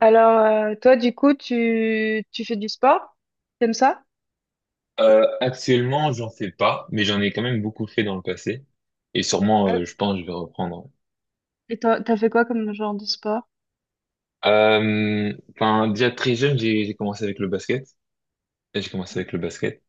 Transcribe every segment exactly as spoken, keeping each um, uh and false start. Alors, euh, toi, du coup, tu, tu fais du sport? T'aimes ça? Euh, actuellement, j'en fais pas, mais j'en ai quand même beaucoup fait dans le passé. Et sûrement, Euh, euh, je pense, que je vais reprendre. Et t'as, t'as fait quoi comme genre de sport? Euh, enfin, déjà très jeune, j'ai j'ai commencé avec le basket. J'ai commencé avec le basket.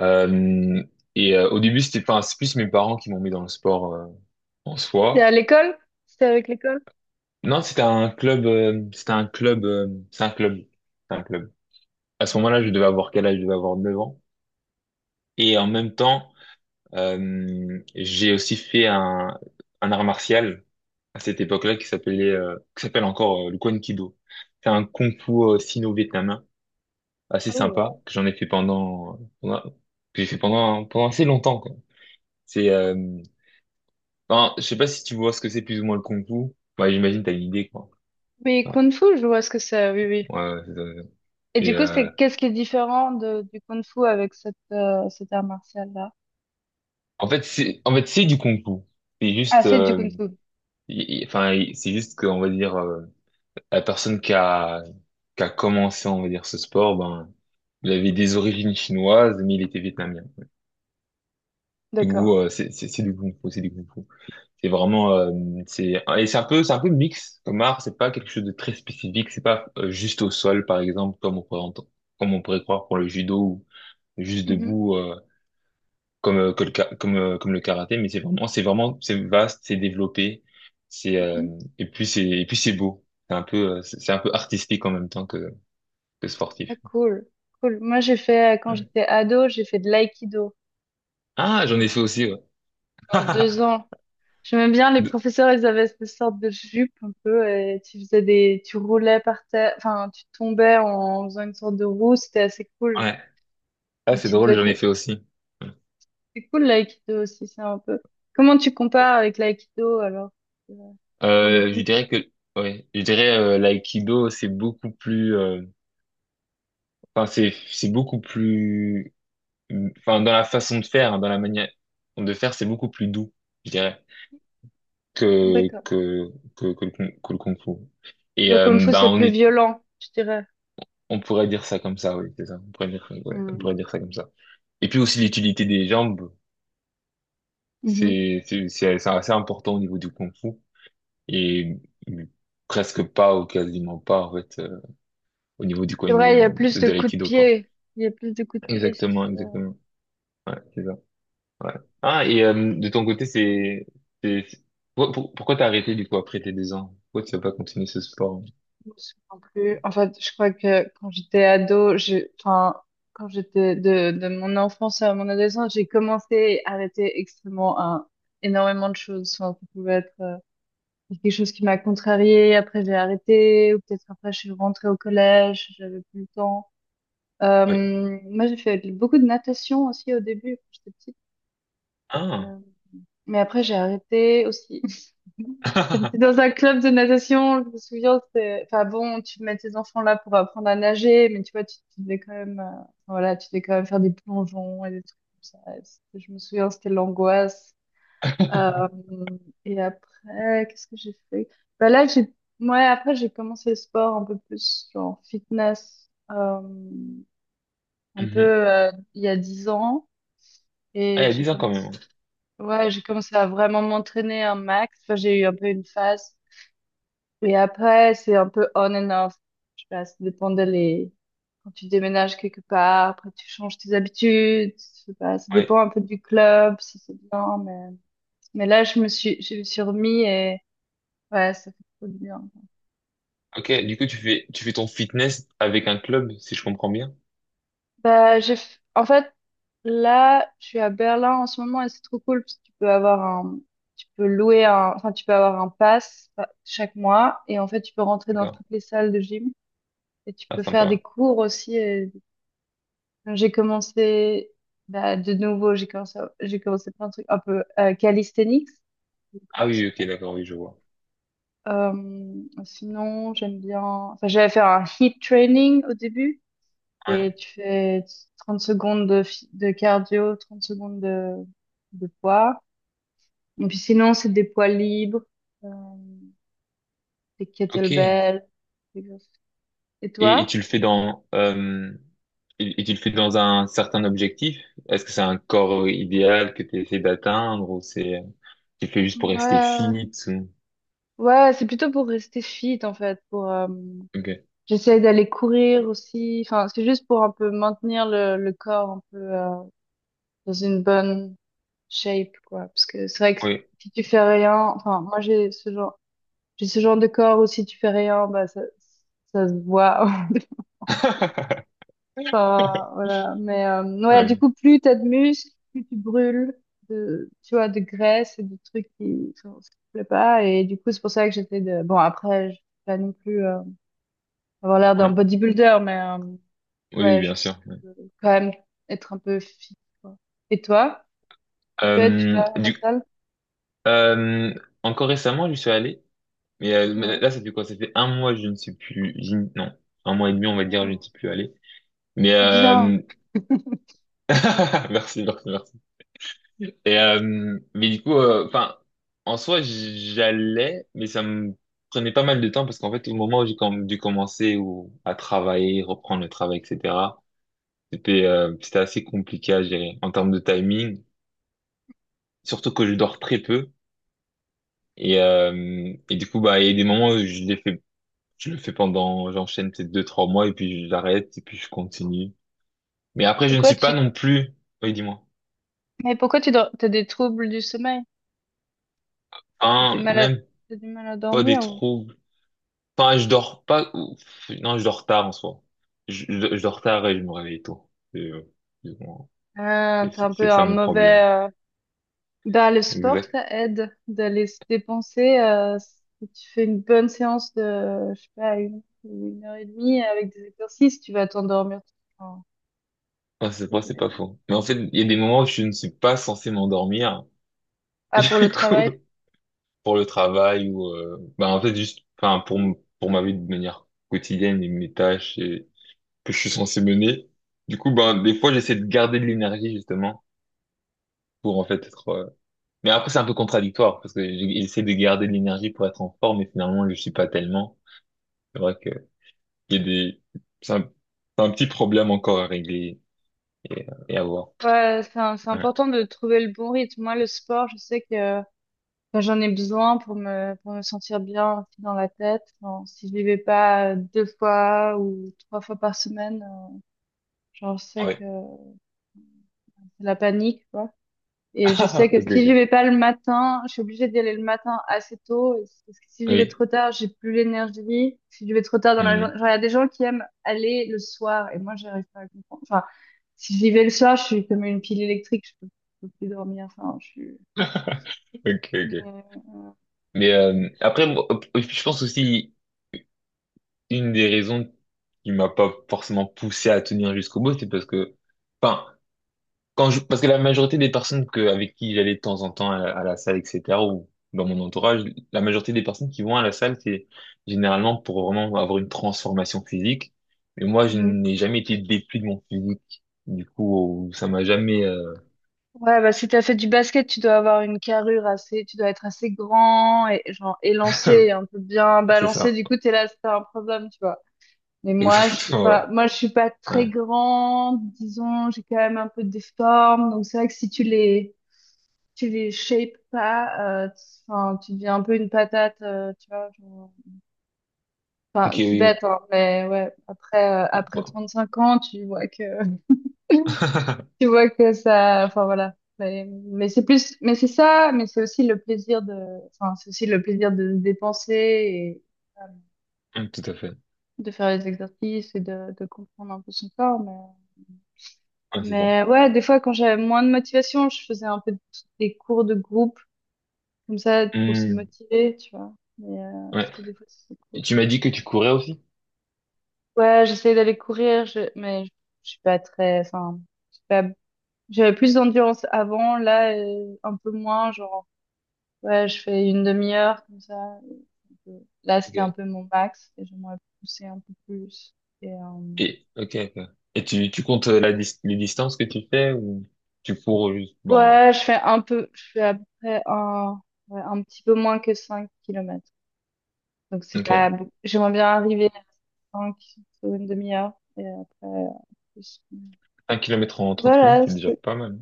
Euh, et euh, Au début, c'était enfin, c'est plus mes parents qui m'ont mis dans le sport euh, en T'es à soi. l'école? C'était avec l'école? Non, c'était un club. Euh, c'était un club. Euh, c'est un club. C'est un club. À ce moment-là, je devais avoir quel âge? Je devais avoir neuf ans. Et en même temps, euh, j'ai aussi fait un, un art martial à cette époque-là qui s'appelait, euh, qui s'appelle encore euh, le Kwan Kido. C'est un kung-fu sino-vietnamien assez Oh, sympa wow. que j'en ai fait pendant, pendant- que j'ai fait pendant pendant assez longtemps quoi. C'est, euh, enfin, je sais pas si tu vois ce que c'est plus ou moins le kung-fu. Ouais, j'imagine t'as une idée quoi. Oui, Ouais, Kung Fu, je vois ce que c'est, oui, oui. ouais, ouais, c'est ça, c'est ça. Et Et du coup, c'est, euh, qu'est-ce qui est différent de, du Kung Fu avec cette, euh, cet art martial-là? En fait c'est, en fait c'est du kung-fu. C'est Ah, juste, c'est du euh, Kung Fu. il- il- Enfin il- c'est juste qu'on va dire euh, la personne qui a qui a commencé on va dire ce sport, ben il avait des origines chinoises mais il était vietnamien. Du D'accord. coup, euh, c'est c'est- c'est du kung fu, c'est du kung fu. C'est vraiment, euh, c'est et c'est un peu, C'est un peu mix comme art. C'est pas quelque chose de très spécifique. C'est pas euh, juste au sol, par exemple, comme on pourrait ent- comme on pourrait croire pour le judo ou juste Mhm, debout, euh, comme euh, que le ka- comme euh, comme le karaté. Mais c'est vraiment, c'est vraiment, c'est vaste, c'est développé. C'est euh, mhm. et puis c'est Et puis c'est beau. C'est un peu, euh, c'est c'est un peu artistique en même temps que que Ah, sportif. cool. Cool. Moi, j'ai fait, euh, quand Ouais. j'étais ado, j'ai fait de l'aïkido Ah, j'en ai fait pendant aussi. Ouais. pendant deux ans. J'aimais bien les De- professeurs, ils avaient cette sorte de jupe un peu et tu faisais des, tu roulais par terre, enfin tu tombais en faisant une sorte de roue, c'était assez cool. ouais. Ah, Donc, c'est tu drôle, devais, j'en ai co- fait aussi. c'est cool l'aïkido aussi, c'est un peu. Comment tu compares avec l'aïkido alors, euh, pour le Euh, je kung fu? dirais que ouais, je dirais euh, l'aïkido c'est beaucoup plus euh, enfin c'est c'est beaucoup plus enfin dans la façon de faire, hein, dans la manière de faire, c'est beaucoup plus doux, je dirais que D'accord. que que que le, kung- que le kung-fu. Et Le kung euh, fu Bah c'est on plus est violent, je dirais. on pourrait dire ça comme ça, oui, c'est ça. On pourrait dire ouais, on pourrait Hmm. dire ça comme ça. Et puis aussi l'utilité des jambes, Mhm. c'est c'est c'est c'est assez important au niveau du kung-fu et presque pas ou quasiment pas en fait au niveau du coin C'est vrai, il y a de, plus de de coups de l'aïkido, quoi. pied, il y a plus de coups de pied, ça, Exactement, c'est vrai. exactement. Ouais, c'est ça. Ouais. Ah, et euh, de ton côté, c'est... c'est- c'est- pour- pour- pourquoi t'as arrêté, du coup, après tes deux ans? Pourquoi tu n'as pas continué ce sport? Je me souviens plus. En fait, je crois que quand j'étais ado, j'ai, enfin, quand j'étais de, de mon enfance à mon adolescence, j'ai commencé à arrêter extrêmement un- énormément de choses. Enfin, ça pouvait être euh, quelque chose qui m'a contrariée, après j'ai arrêté, ou peut-être après je suis rentrée au collège, j'avais plus le temps. Euh, Ouais. Moi, j'ai fait beaucoup de natation aussi au début, quand j'étais petite. Euh, Ah! mais après, j'ai arrêté aussi. J'étais dans un club de natation, je me souviens, c'était, enfin bon, tu mets tes enfants là pour apprendre à nager, mais tu vois, tu, tu devais quand même, euh, voilà, tu devais quand même faire des plongeons et des trucs comme ça. Et c'était- je me souviens, c'était l'angoisse. Euh, et après, qu'est-ce que j'ai fait? Bah là, j'ai, ouais, après, j'ai commencé le sport un peu plus, genre fitness, euh, un peu, Mhm. euh, il y a dix ans, Ah, et il y a j'ai dix ans quand commencé, même. ouais, j'ai commencé à vraiment m'entraîner un max. Enfin, j'ai eu un peu une phase. Et après, c'est un peu on and off. Je sais pas, ça dépend de les. Quand tu déménages quelque part, après tu changes tes habitudes, je sais pas, ça dépend Ouais. un peu du club, si c'est bien, mais. Mais là, je me suis, je me suis remis et ouais, ça fait trop du bien. Ok, du coup, tu fais, tu fais ton fitness avec un club, si je comprends bien. Bah, j'ai... f- en fait, là, je suis à Berlin en ce moment et c'est trop cool parce que tu peux avoir un. Tu peux louer un. Enfin, tu peux avoir un pass, euh, chaque mois et en fait, tu peux rentrer dans D'accord. toutes les salles de gym et tu Ah, peux faire des sympa. cours aussi. Donc, j'ai commencé, bah, de nouveau, j'ai commencé, j'ai commencé plein de trucs un peu, euh, calisthenics. Ah oui, ok, d'accord, oui, je vois. Euh, sinon, j'aime bien. Enfin, j'avais fait un hit training au début. Et Ouais. tu fais trente secondes de, fi- de cardio, trente secondes de, de poids. Et puis sinon, c'est des poids libres, euh, des Ok. kettlebells. Des exercices. Et Et, et toi? tu le fais dans euh, et, et tu le fais dans un certain objectif? Est-ce que c'est un corps euh, idéal que tu essaies d'atteindre ou c'est euh, tu le fais juste pour rester Ouais, fit ou. ouais, c'est plutôt pour rester fit en fait, pour, euh, Ok. j'essaie d'aller courir aussi. Enfin, c'est juste pour un peu maintenir le, le corps un peu, euh, dans une bonne shape, quoi. Parce que c'est vrai que Oui. si tu fais rien, enfin, moi j'ai ce genre, j'ai ce genre de corps où si tu fais rien, bah ça, ça se voit. Enfin, voilà. Mais, euh, ouais, du Ouais. coup, plus t'as de muscles, plus tu brûles de, tu vois, de graisse et de trucs qui, enfin, ce qui te plaît pas. Et du coup, c'est pour ça que j'étais de. Bon, après, je vais pas non plus, euh, avoir l'air d'un Ouais. bodybuilder, mais, euh, Oui, ouais, bien sûr. juste, Ouais. euh, quand même être un peu fit, quoi. Et toi, peut-être tu Euh, vas à la du, salle? euh, Encore récemment, je suis allé, mais euh, mais Ouais. là, ça fait quoi? Ça fait un mois, je ne suis plus, j'y- non, un mois et demi, on va dire, je ne suis plus allé. Mais Eh bien. euh... Merci, merci, merci. Et, euh, mais du coup, euh, enfin, en soi, j'allais, mais ça me prenait pas mal de temps parce qu'en fait, au moment où j'ai com- dû commencer ou à travailler, reprendre le travail, et cetera, c'était euh, c'était assez compliqué à gérer en termes de timing, surtout que je dors très peu. Et, euh, et du coup, bah, il y a des moments où je l'ai fait, je le fais pendant, j'enchaîne peut-être deux, trois mois et puis j'arrête et puis je continue. Mais après, je ne Pourquoi suis pas tu non plus, oui, dis-moi, Mais pourquoi tu dors? T'as des troubles du sommeil? T'as du un, mal à même t'as du mal à pas des dormir ou. troubles. Enfin, je dors pas. ou- Non, je dors tard en soi. Je, je, je dors tard et je me réveille tôt. Et, euh, et bon, Ah, et t'as C'est un c'est peu ça un mon problème. mauvais, euh, bah le sport Exact. ça aide d'aller se dépenser, euh, si tu fais une bonne séance de je sais pas une, une heure et demie avec des exercices tu vas t'endormir. Enfin, Ah, c'est ça vrai, c'est pas peut- faux. Mais en fait, il y a des moments où je ne suis pas censé m'endormir. Ah pour le Du coup, travail? pour le travail ou, euh, bah, en fait, juste, enfin, pour, m- pour ma vie de manière quotidienne et mes tâches et que je suis censé mener. Du coup, ben, des fois, j'essaie de garder de l'énergie, justement, pour, en fait, être, euh, Mais après, c'est un peu contradictoire parce que j- j'essaie de garder de l'énergie pour être en forme, mais finalement, je suis pas tellement. C'est vrai que il y a des, c'est un, c'est un petit problème encore à régler et, et à voir. Ouais, c'est un- c'est Ouais. important de trouver le bon rythme. Moi, le sport, je sais que, euh, enfin, j'en ai besoin pour me, pour me sentir bien aussi dans la tête. Enfin, si je n'y vais pas, euh, deux fois ou trois fois par semaine, euh, genre, je sais que Ouais. c'est la panique, quoi. Et je sais Ok, que si j'y ok. vais pas le matin, je suis obligée d'y aller le matin assez tôt. et c- Parce que si j'y vais Oui. trop tard, j'ai plus l'énergie. Si j'y vais trop tard dans la journée, Hmm. genre, il y a des gens qui aiment aller le soir. Et moi, j'arrive pas à comprendre. Enfin, si j'y vais le soir, je suis comme une pile électrique. Je peux, je peux plus dormir. Enfin, je suis. Ok, ok. Mais, euh, Mais euh, après, moi, je pense aussi une des raisons qui m'a pas forcément poussé à tenir jusqu'au bout, c'est parce que, enfin, Quand je, parce que la majorité des personnes que, avec qui j'allais de temps en temps à, à la salle, et cetera, ou dans mon entourage, la majorité des personnes qui vont à la salle, c'est généralement pour vraiment avoir une transformation physique. Mais moi, je mhm. n'ai jamais été déplu de mon physique. Du coup, ça m'a jamais... euh, Ouais, bah, si t'as fait du basket, tu dois avoir une carrure assez, tu dois être assez grand et genre élancé, et un peu bien C'est balancé. ça. Du coup, t'es là, c'est un problème, tu vois. Mais moi, je suis Exactement, ouais. pas, moi, je suis pas Ouais. très grande, disons, j'ai quand même un peu des formes, donc c'est vrai que si tu les, tu les shapes pas, euh, enfin, tu deviens un peu une patate, euh, tu vois, genre- Ok, enfin, c'est oui. bête, hein, mais ouais, après, euh, après Ouais. trente-cinq ans, tu vois que, tu vois que ça, enfin, voilà. Mais, mais c'est plus, mais c'est ça, mais c'est aussi le plaisir de, enfin, c'est aussi le plaisir de se dépenser et, euh, Tout à fait. de faire les exercices et de, de comprendre un peu son corps, mais. Ouais, c'est ça. Mais ouais, des fois, quand j'avais moins de motivation, je faisais un peu de- des cours de groupe, comme ça, pour se Hmm, motiver, tu vois. Mais, euh, ouais. parce que des fois, c'est Et cool. tu m'as dit que Ouais, tu courais aussi? ouais, j'essayais d'aller courir, je- mais je je suis pas très, enfin, je suis pas- j'avais plus d'endurance avant, là, euh, un peu moins, genre, ouais, je fais une demi-heure, comme ça. Et puis, là, c'était un Ok. peu mon max, et j'aimerais pousser un peu plus. Et, euh, Et, ok, ok. Et tu, tu comptes euh, la dis- les distances que tu fais ou tu cours juste, bon, ouais, je fais un peu, je fais à peu près un, ouais, un petit peu moins que cinq kilomètres. Donc, c'est ok. pas beau- j'aimerais bien arriver à cinq sur une demi-heure. Et après, euh, plus. Un kilomètre en trente minutes, Voilà. c'est déjà c'est- pas mal.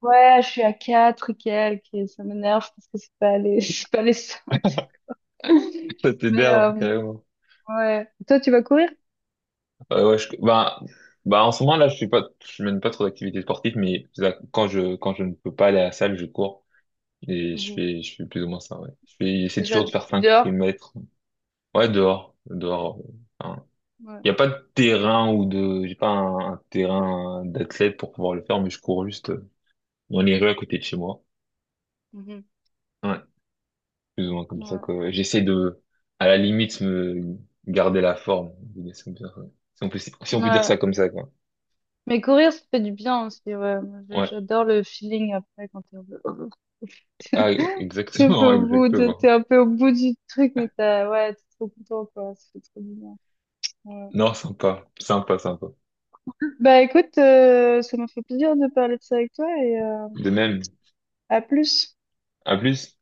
Ouais, je suis à quatre et quelques et ça m'énerve parce que c'est pas les, c'est pas les cinq. Ça Mais, euh, t'énerve, carrément. ouais. Toi, tu vas courir? Ouais, ouais, je, bah, bah, en ce moment, là, je suis pas, je mène pas trop d'activités sportives, mais ça, quand je, quand je ne peux pas aller à la salle, je cours. Et je Mhm. fais, je fais plus ou moins ça, ouais. Je fais, Tu J'essaie fais ça toujours de faire cinq dehors? kilomètres. Ouais, dehors, dehors. Enfin, Ouais. il n'y a pas de terrain ou de, j'ai pas un, un terrain d'athlète pour pouvoir le faire, mais je cours juste euh, dans les rues à côté de chez moi. Mhm. Ouais, plus ou moins comme ça, Ouais. quoi. J'essaie de, à la limite, me garder la forme. Si on peut dire si on peut Si on peut dire ça Ouais. comme ça, quoi. Mais courir, ça fait du bien aussi, ouais. Moi, je- Ouais. j'adore le feeling après quand t'es un peu. Ah, t'es un peu exactement, au bout de- t'es exactement. un peu au bout du truc, mais t'as, ouais, t'es trop content, quoi. Ça fait trop du bien. Ouais. Non, sympa, sympa, sympa. Bah, écoute, euh, ça m'a fait plaisir de parler de ça avec toi et, euh, De même. à plus. À plus.